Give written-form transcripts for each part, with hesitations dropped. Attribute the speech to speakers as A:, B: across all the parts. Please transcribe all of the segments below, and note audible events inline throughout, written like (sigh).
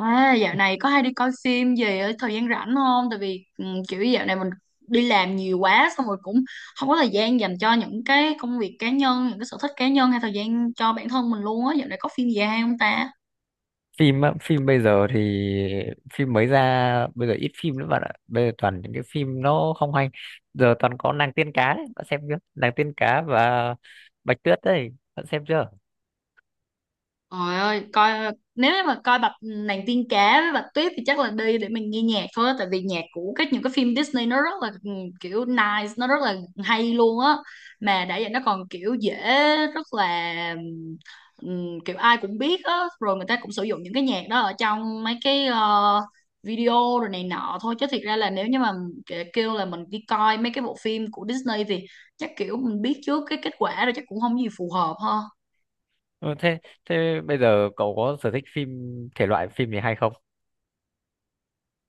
A: À, dạo này có hay đi coi phim gì ở thời gian rảnh không? Tại vì kiểu dạo này mình đi làm nhiều quá xong rồi cũng không có thời gian dành cho những cái công việc cá nhân, những cái sở thích cá nhân hay thời gian cho bản thân mình luôn á. Dạo này có phim gì hay không ta?
B: Phim á, phim bây giờ thì phim mới ra bây giờ ít phim nữa bạn ạ, bây giờ toàn những cái phim nó không hay. Giờ toàn có nàng tiên cá đấy, bạn xem chưa? Nàng tiên cá và bạch tuyết đấy, bạn xem chưa?
A: Trời ơi, nếu mà coi bạch nàng tiên cá với bạch tuyết thì chắc là đi để mình nghe nhạc thôi á, tại vì nhạc của những cái phim Disney nó rất là kiểu nice, nó rất là hay luôn á. Mà đã vậy nó còn kiểu dễ rất là kiểu ai cũng biết á, rồi người ta cũng sử dụng những cái nhạc đó ở trong mấy cái video rồi này nọ thôi chứ thiệt ra là nếu như mà kêu là mình đi coi mấy cái bộ phim của Disney thì chắc kiểu mình biết trước cái kết quả rồi chắc cũng không gì phù hợp ha.
B: Ừ, thế thế bây giờ cậu có sở thích phim thể loại phim gì hay không?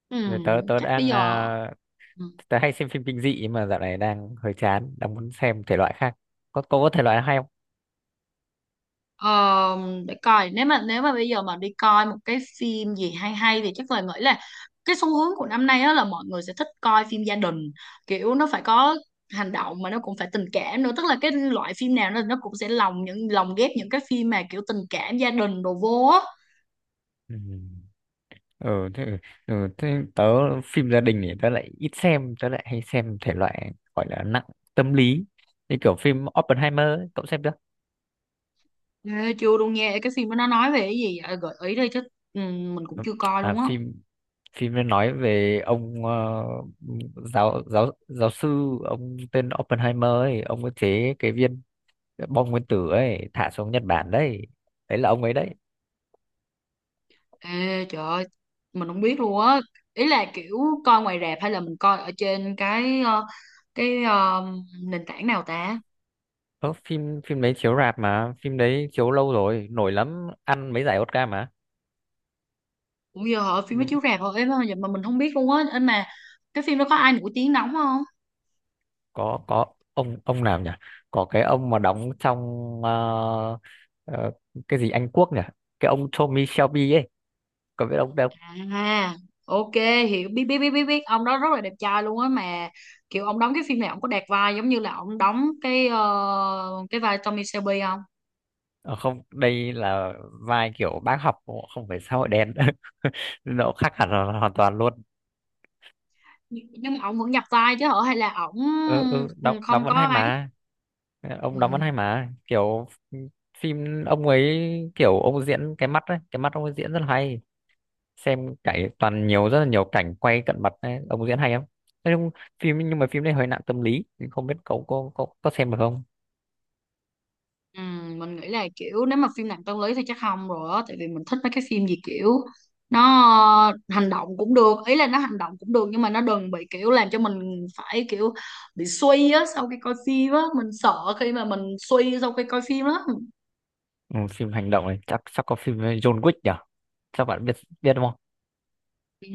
A: Ừ,
B: Rồi tớ tớ
A: chắc bây
B: đang
A: giờ ừ,
B: tớ hay xem phim kinh dị nhưng mà dạo này đang hơi chán, đang muốn xem thể loại khác. Có cậu có thể loại hay không?
A: ờ, để coi nếu mà bây giờ mà đi coi một cái phim gì hay hay thì chắc là nghĩ là cái xu hướng của năm nay á là mọi người sẽ thích coi phim gia đình, kiểu nó phải có hành động mà nó cũng phải tình cảm nữa, tức là cái loại phim nào nó cũng sẽ lồng ghép những cái phim mà kiểu tình cảm gia đình đồ vô á.
B: Ừ. ừ thế, thế tớ phim gia đình thì tớ lại ít xem, tớ lại hay xem thể loại gọi là nặng tâm lý, như kiểu phim Oppenheimer ấy, cậu xem chưa?
A: Ê, chưa luôn nha, cái phim đó nó nói về cái gì vậy? Gợi ý đi chứ, ừ, mình cũng
B: Ừ,
A: chưa coi luôn á.
B: phim phim nó nói về ông giáo giáo giáo sư ông tên Oppenheimer ấy, ông có chế cái viên bom nguyên tử ấy thả xuống Nhật Bản đấy, đấy là ông ấy đấy.
A: Ê, trời ơi, mình không biết luôn á. Ý là kiểu coi ngoài rạp hay là mình coi ở trên cái nền tảng nào ta?
B: Ờ, phim phim đấy chiếu rạp mà, phim đấy chiếu lâu rồi, nổi lắm, ăn mấy giải Oscar mà.
A: Cũng giờ họ phim nó chiếu rạp thôi em vậy mà mình không biết luôn á. Anh mà cái phim đó có ai nổi tiếng đóng không?
B: Có ông nào nhỉ, có cái ông mà đóng trong ờ, ờ, cái gì Anh Quốc nhỉ, cái ông Tommy Shelby ấy, có biết ông đâu.
A: À, ok, hiểu, biết biết biết biết biết ông đó rất là đẹp trai luôn á, mà kiểu ông đóng cái phim này ông có đạt vai giống như là ông đóng cái vai Tommy Shelby không?
B: Ờ, không, đây là vai kiểu bác học, không phải xã hội đen (laughs) nó khác hẳn hoàn hoàn toàn luôn.
A: Nhưng mà ông vẫn nhập vai chứ hả hay là ổng
B: Ừ, đóng đóng
A: không
B: vẫn
A: có
B: hay
A: ấy?
B: mà. Ờ,
A: Ừ.
B: ông đóng vẫn hay mà, kiểu phim ông ấy kiểu ông diễn cái mắt ấy, cái mắt ông ấy diễn rất là hay. Xem cải toàn nhiều rất là nhiều cảnh quay cận mặt ấy, ông diễn hay lắm. Thế nhưng phim nhưng mà phim đấy hơi nặng tâm lý thì không biết cậu có có xem được không?
A: Ừ, mình nghĩ là kiểu nếu mà phim nặng tâm lý thì chắc không rồi á, tại vì mình thích mấy cái phim gì kiểu nó hành động cũng được, ý là nó hành động cũng được nhưng mà nó đừng bị kiểu làm cho mình phải kiểu bị suy á sau khi coi phim á, mình sợ khi mà mình suy sau khi coi phim lắm.
B: Ừ, phim hành động này chắc chắc có phim với John Wick nhỉ, chắc bạn biết, biết đúng không?
A: ừ,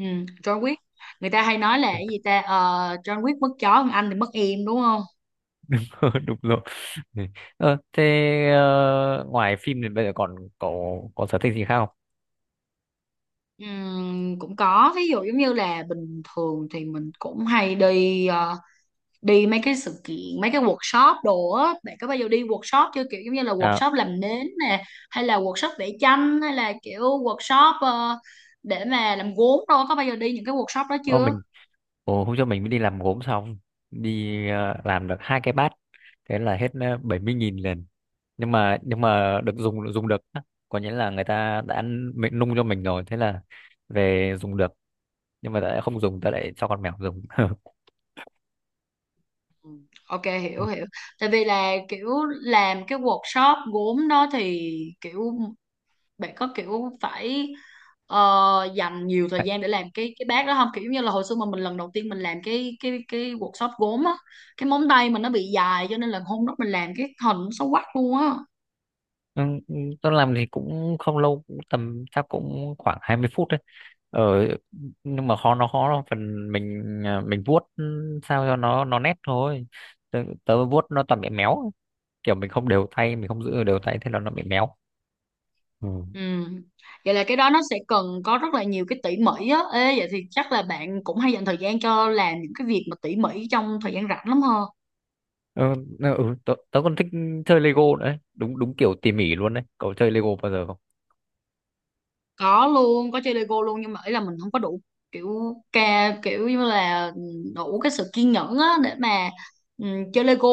A: John Wick, người ta hay nói là cái gì ta. Ờ, John Wick mất chó còn anh thì mất em đúng không?
B: (laughs) Đúng rồi. Ừ. ờ, thế ngoài phim thì bây giờ còn cậu có sở thích gì khác không?
A: Cũng có, ví dụ giống như là bình thường thì mình cũng hay đi mấy cái sự kiện, mấy cái workshop đồ á, bạn có bao giờ đi workshop chưa, kiểu giống như là
B: À,
A: workshop làm nến nè hay là workshop vẽ tranh hay là kiểu workshop để mà làm gốm, đâu có bao giờ đi những cái workshop đó
B: Ô,
A: chưa?
B: mình hôm trước mình mới đi làm gốm xong, đi làm được hai cái bát, thế là hết 70 nghìn liền. Nhưng mà được dùng dùng được á. Có nghĩa là người ta đã ăn mình, nung cho mình rồi, thế là về dùng được. Nhưng mà đã không dùng ta lại cho con mèo dùng. (laughs)
A: Ừ. Ok, hiểu hiểu, tại vì là kiểu làm cái workshop gốm đó thì kiểu bạn có kiểu phải ờ, dành nhiều thời gian để làm cái bát đó không, kiểu như là hồi xưa mà mình lần đầu tiên mình làm cái workshop gốm á, cái móng tay mình nó bị dài cho nên là hôm đó mình làm cái hình nó xấu quắc luôn á.
B: Ừ, ừ, tôi làm thì cũng không lâu, cũng tầm chắc cũng khoảng 20 phút đấy. Ờ, nhưng mà khó, nó khó là phần mình mình vuốt sao cho nó nét thôi. Tớ vuốt nó toàn bị méo, kiểu mình không đều tay, mình không giữ đều tay, thế là nó bị méo. Ừ.
A: Ừ. Vậy là cái đó nó sẽ cần có rất là nhiều cái tỉ mỉ á. Ê, vậy thì chắc là bạn cũng hay dành thời gian cho làm những cái việc mà tỉ mỉ trong thời gian rảnh lắm ha?
B: Ừ, tớ còn thích chơi Lego nữa đấy. Đúng đúng kiểu tỉ mỉ luôn đấy, cậu chơi Lego bao giờ không?
A: Có luôn, có chơi Lego luôn nhưng mà ý là mình không có đủ kiểu kiểu như là đủ cái sự kiên nhẫn á để mà ừ, chơi Lego,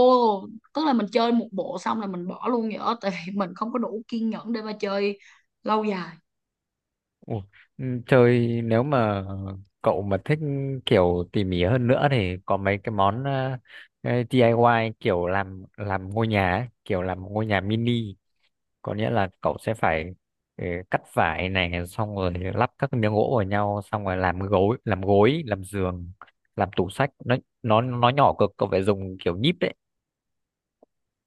A: tức là mình chơi một bộ xong là mình bỏ luôn vậy đó, tại vì mình không có đủ kiên nhẫn để mà chơi lâu dài.
B: Ủa, ừ, chơi nếu mà cậu mà thích kiểu tỉ mỉ hơn nữa thì có mấy cái món cái DIY, kiểu làm ngôi nhà ấy, kiểu làm ngôi nhà mini. Có nghĩa là cậu sẽ phải ừ, cắt vải này, xong rồi lắp các miếng gỗ vào nhau, xong rồi làm gối làm giường, làm tủ sách, nó nó nhỏ cực, cậu phải dùng kiểu nhíp đấy.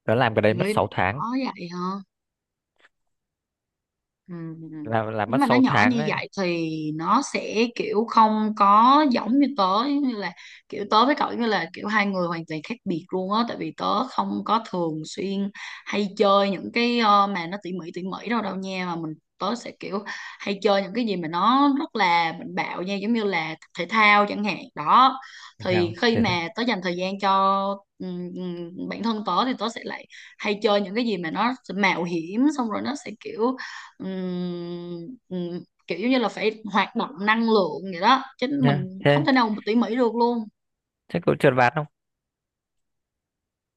B: Nó làm cái đấy mất
A: Vậy nó
B: 6 tháng,
A: bỏ vậy hả? Ừ. Ừ, ừ.
B: làm
A: Nếu
B: mất
A: mà nó
B: 6
A: nhỏ
B: tháng
A: như
B: đấy.
A: vậy thì nó sẽ kiểu không có giống như là kiểu tớ với cậu giống như là kiểu hai người hoàn toàn khác biệt luôn á, tại vì tớ không có thường xuyên hay chơi những cái mà nó tỉ mỉ đâu đâu nha, mà tớ sẽ kiểu hay chơi những cái gì mà nó rất là mạnh bạo nha, giống như là thể thao chẳng hạn đó.
B: Thì
A: Thì
B: sao
A: khi
B: thế thôi.
A: mà tớ dành thời gian cho bản thân tớ thì tớ sẽ lại hay chơi những cái gì mà nó mạo hiểm, xong rồi nó sẽ kiểu kiểu như là phải hoạt động năng lượng vậy đó, chứ
B: Nha
A: mình không
B: thế,
A: thể nào mà tỉ mỉ được luôn.
B: cậu trượt ván không,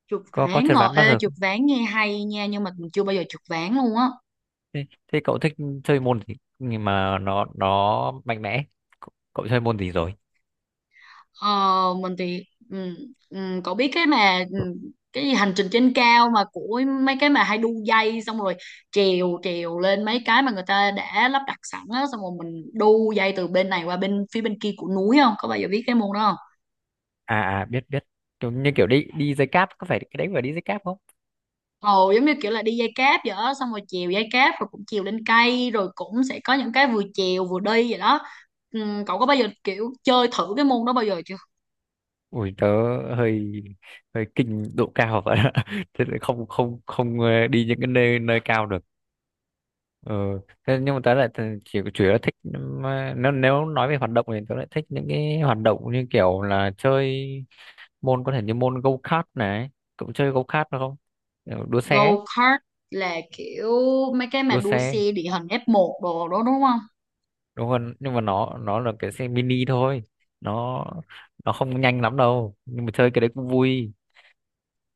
A: Chụp
B: có có
A: ván
B: trượt
A: ngồi,
B: ván bao
A: ê
B: giờ
A: trượt
B: không?
A: ván nghe hay nha nhưng mà mình chưa bao giờ chụp ván luôn á.
B: Thế, thế cậu thích chơi môn gì nhưng mà nó mạnh mẽ, cậu chơi môn gì rồi?
A: Ờ, mình thì ừm, cậu biết cái mà cái gì hành trình trên cao mà của mấy cái mà hay đu dây xong rồi trèo trèo lên mấy cái mà người ta đã lắp đặt sẵn á, xong rồi mình đu dây từ bên này qua bên phía bên kia của núi, không có bao giờ biết cái môn đó không?
B: À à biết biết, kiểu như kiểu đi đi dây cáp, có phải cái đấy phải đi dây cáp không?
A: Ồ, giống như kiểu là đi dây cáp vậy đó, xong rồi chèo dây cáp rồi cũng chèo lên cây rồi cũng sẽ có những cái vừa chèo vừa đi vậy đó. Cậu có bao giờ kiểu chơi thử cái môn đó bao giờ chưa?
B: Ui tớ hơi hơi kinh độ cao vậy ạ. (laughs) Thế lại không không không đi những cái nơi nơi cao được. Ờ, thế nhưng mà tớ lại chỉ chủ yếu là thích, mà nếu nếu nói về hoạt động thì tớ lại thích những cái hoạt động như kiểu là chơi môn có thể như môn go-kart này, cậu chơi go-kart được không? Kiểu đua xe, ấy,
A: Go kart là kiểu mấy cái mà
B: đua
A: đua
B: xe.
A: xe địa hình F1 đồ đó đúng không?
B: Đúng không? Nhưng mà nó là cái xe mini thôi. Nó nó không nhanh lắm đâu, nhưng mà chơi cái đấy cũng vui.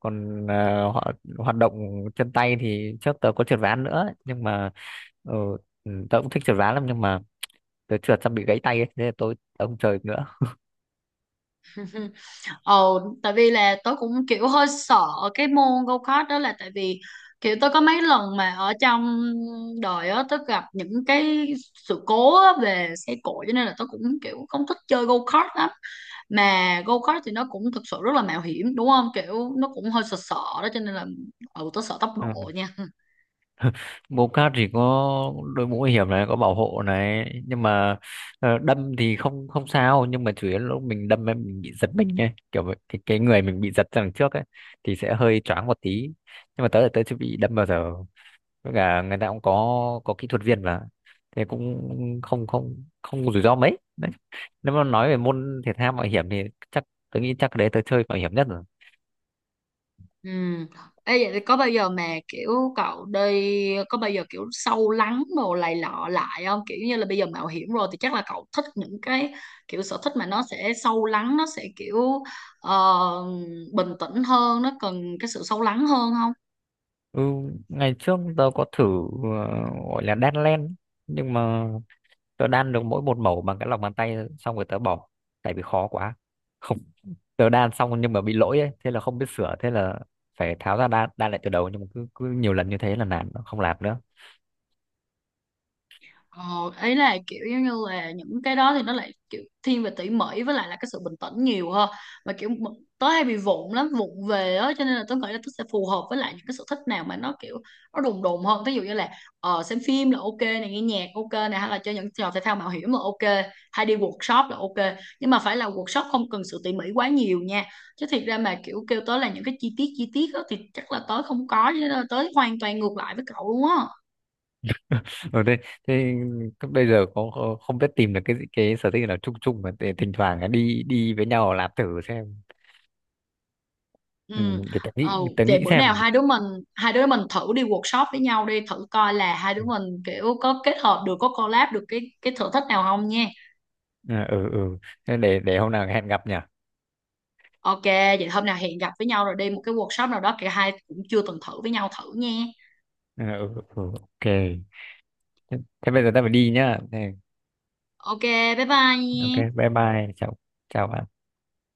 B: Còn họ hoạt động chân tay thì trước tớ có trượt ván nữa, nhưng mà ờ, tớ cũng thích trượt ván lắm, nhưng mà tớ trượt xong bị gãy tay ấy, nên là tớ không chơi được nữa.
A: (laughs) Ồ, tại vì là tôi cũng kiểu hơi sợ cái môn go kart đó là tại vì kiểu tôi có mấy lần mà ở trong đời á tôi gặp những cái sự cố á về xe cộ cho nên là tôi cũng kiểu không thích chơi go kart lắm, mà go kart thì nó cũng thực sự rất là mạo hiểm đúng không, kiểu nó cũng hơi sợ sợ đó cho nên là tôi sợ tốc độ
B: Ừ.
A: nha.
B: Bobcat thì có đội mũ bảo hiểm này, có bảo hộ này, nhưng mà đâm thì không không sao, nhưng mà chủ yếu là lúc mình đâm ấy, mình bị giật mình ấy kiểu vậy. Thì cái người mình bị giật ra đằng trước ấy, thì sẽ hơi choáng một tí, nhưng mà tớ là tớ chưa bị đâm bao giờ, với cả người ta cũng có kỹ thuật viên mà, thế cũng không không không rủi ro mấy. Nếu mà nói về môn thể thao mạo hiểm thì chắc tôi nghĩ chắc đấy tôi chơi mạo hiểm nhất rồi.
A: Ừ. Ê, vậy thì có bao giờ mà kiểu cậu đi có bao giờ kiểu sâu lắng đồ này lọ lại không, kiểu như là bây giờ mạo hiểm rồi thì chắc là cậu thích những cái kiểu sở thích mà nó sẽ sâu lắng, nó sẽ kiểu ờ, bình tĩnh hơn, nó cần cái sự sâu lắng hơn không?
B: Ừ, ngày trước tôi có thử ờ, gọi là đan len, nhưng mà tôi đan được mỗi một mẩu bằng cái lòng bàn tay, xong rồi tớ bỏ, tại vì khó quá. Không (laughs) tớ đan xong nhưng mà bị lỗi ấy, thế là không biết sửa, thế là phải tháo ra đan đan lại từ đầu, nhưng mà cứ nhiều lần như thế là nản, không làm nữa.
A: Ờ, Ý là kiểu giống như là những cái đó thì nó lại kiểu thiên về tỉ mỉ với lại là cái sự bình tĩnh nhiều hơn, mà kiểu tớ hay bị vụng lắm, vụng về á, cho nên là tớ nghĩ là tớ sẽ phù hợp với lại những cái sở thích nào mà nó kiểu nó đùng đùng hơn, ví dụ như là xem phim là ok này, nghe nhạc ok này, hay là chơi những trò thể thao mạo hiểm là ok, hay đi workshop là ok nhưng mà phải là workshop không cần sự tỉ mỉ quá nhiều nha, chứ thiệt ra mà kiểu kêu tớ là những cái chi tiết á thì chắc là tớ không có, cho nên là tớ hoàn toàn ngược lại với cậu luôn á.
B: (laughs) ừ, thế, thế bây giờ có không biết tìm được cái sở thích nào chung chung mà để thỉnh thoảng đi đi với nhau làm thử xem. Ừ,
A: Ừ.
B: để
A: Ờ,
B: tớ
A: Vậy
B: nghĩ
A: bữa nào
B: xem.
A: hai đứa mình thử đi workshop với nhau đi, thử coi là hai đứa mình kiểu có kết hợp được, có collab được cái sở thích nào không nha.
B: ừ ừ ừ. Thế để hôm nào hẹn gặp nhỉ.
A: Ok, vậy hôm nào hẹn gặp với nhau rồi đi một cái workshop nào đó cả hai cũng chưa từng thử với nhau thử nha.
B: Ừ, ok, thế bây giờ ta phải đi nhá.
A: Ok, bye bye
B: Ok,
A: nha.
B: bye bye, chào chào bạn.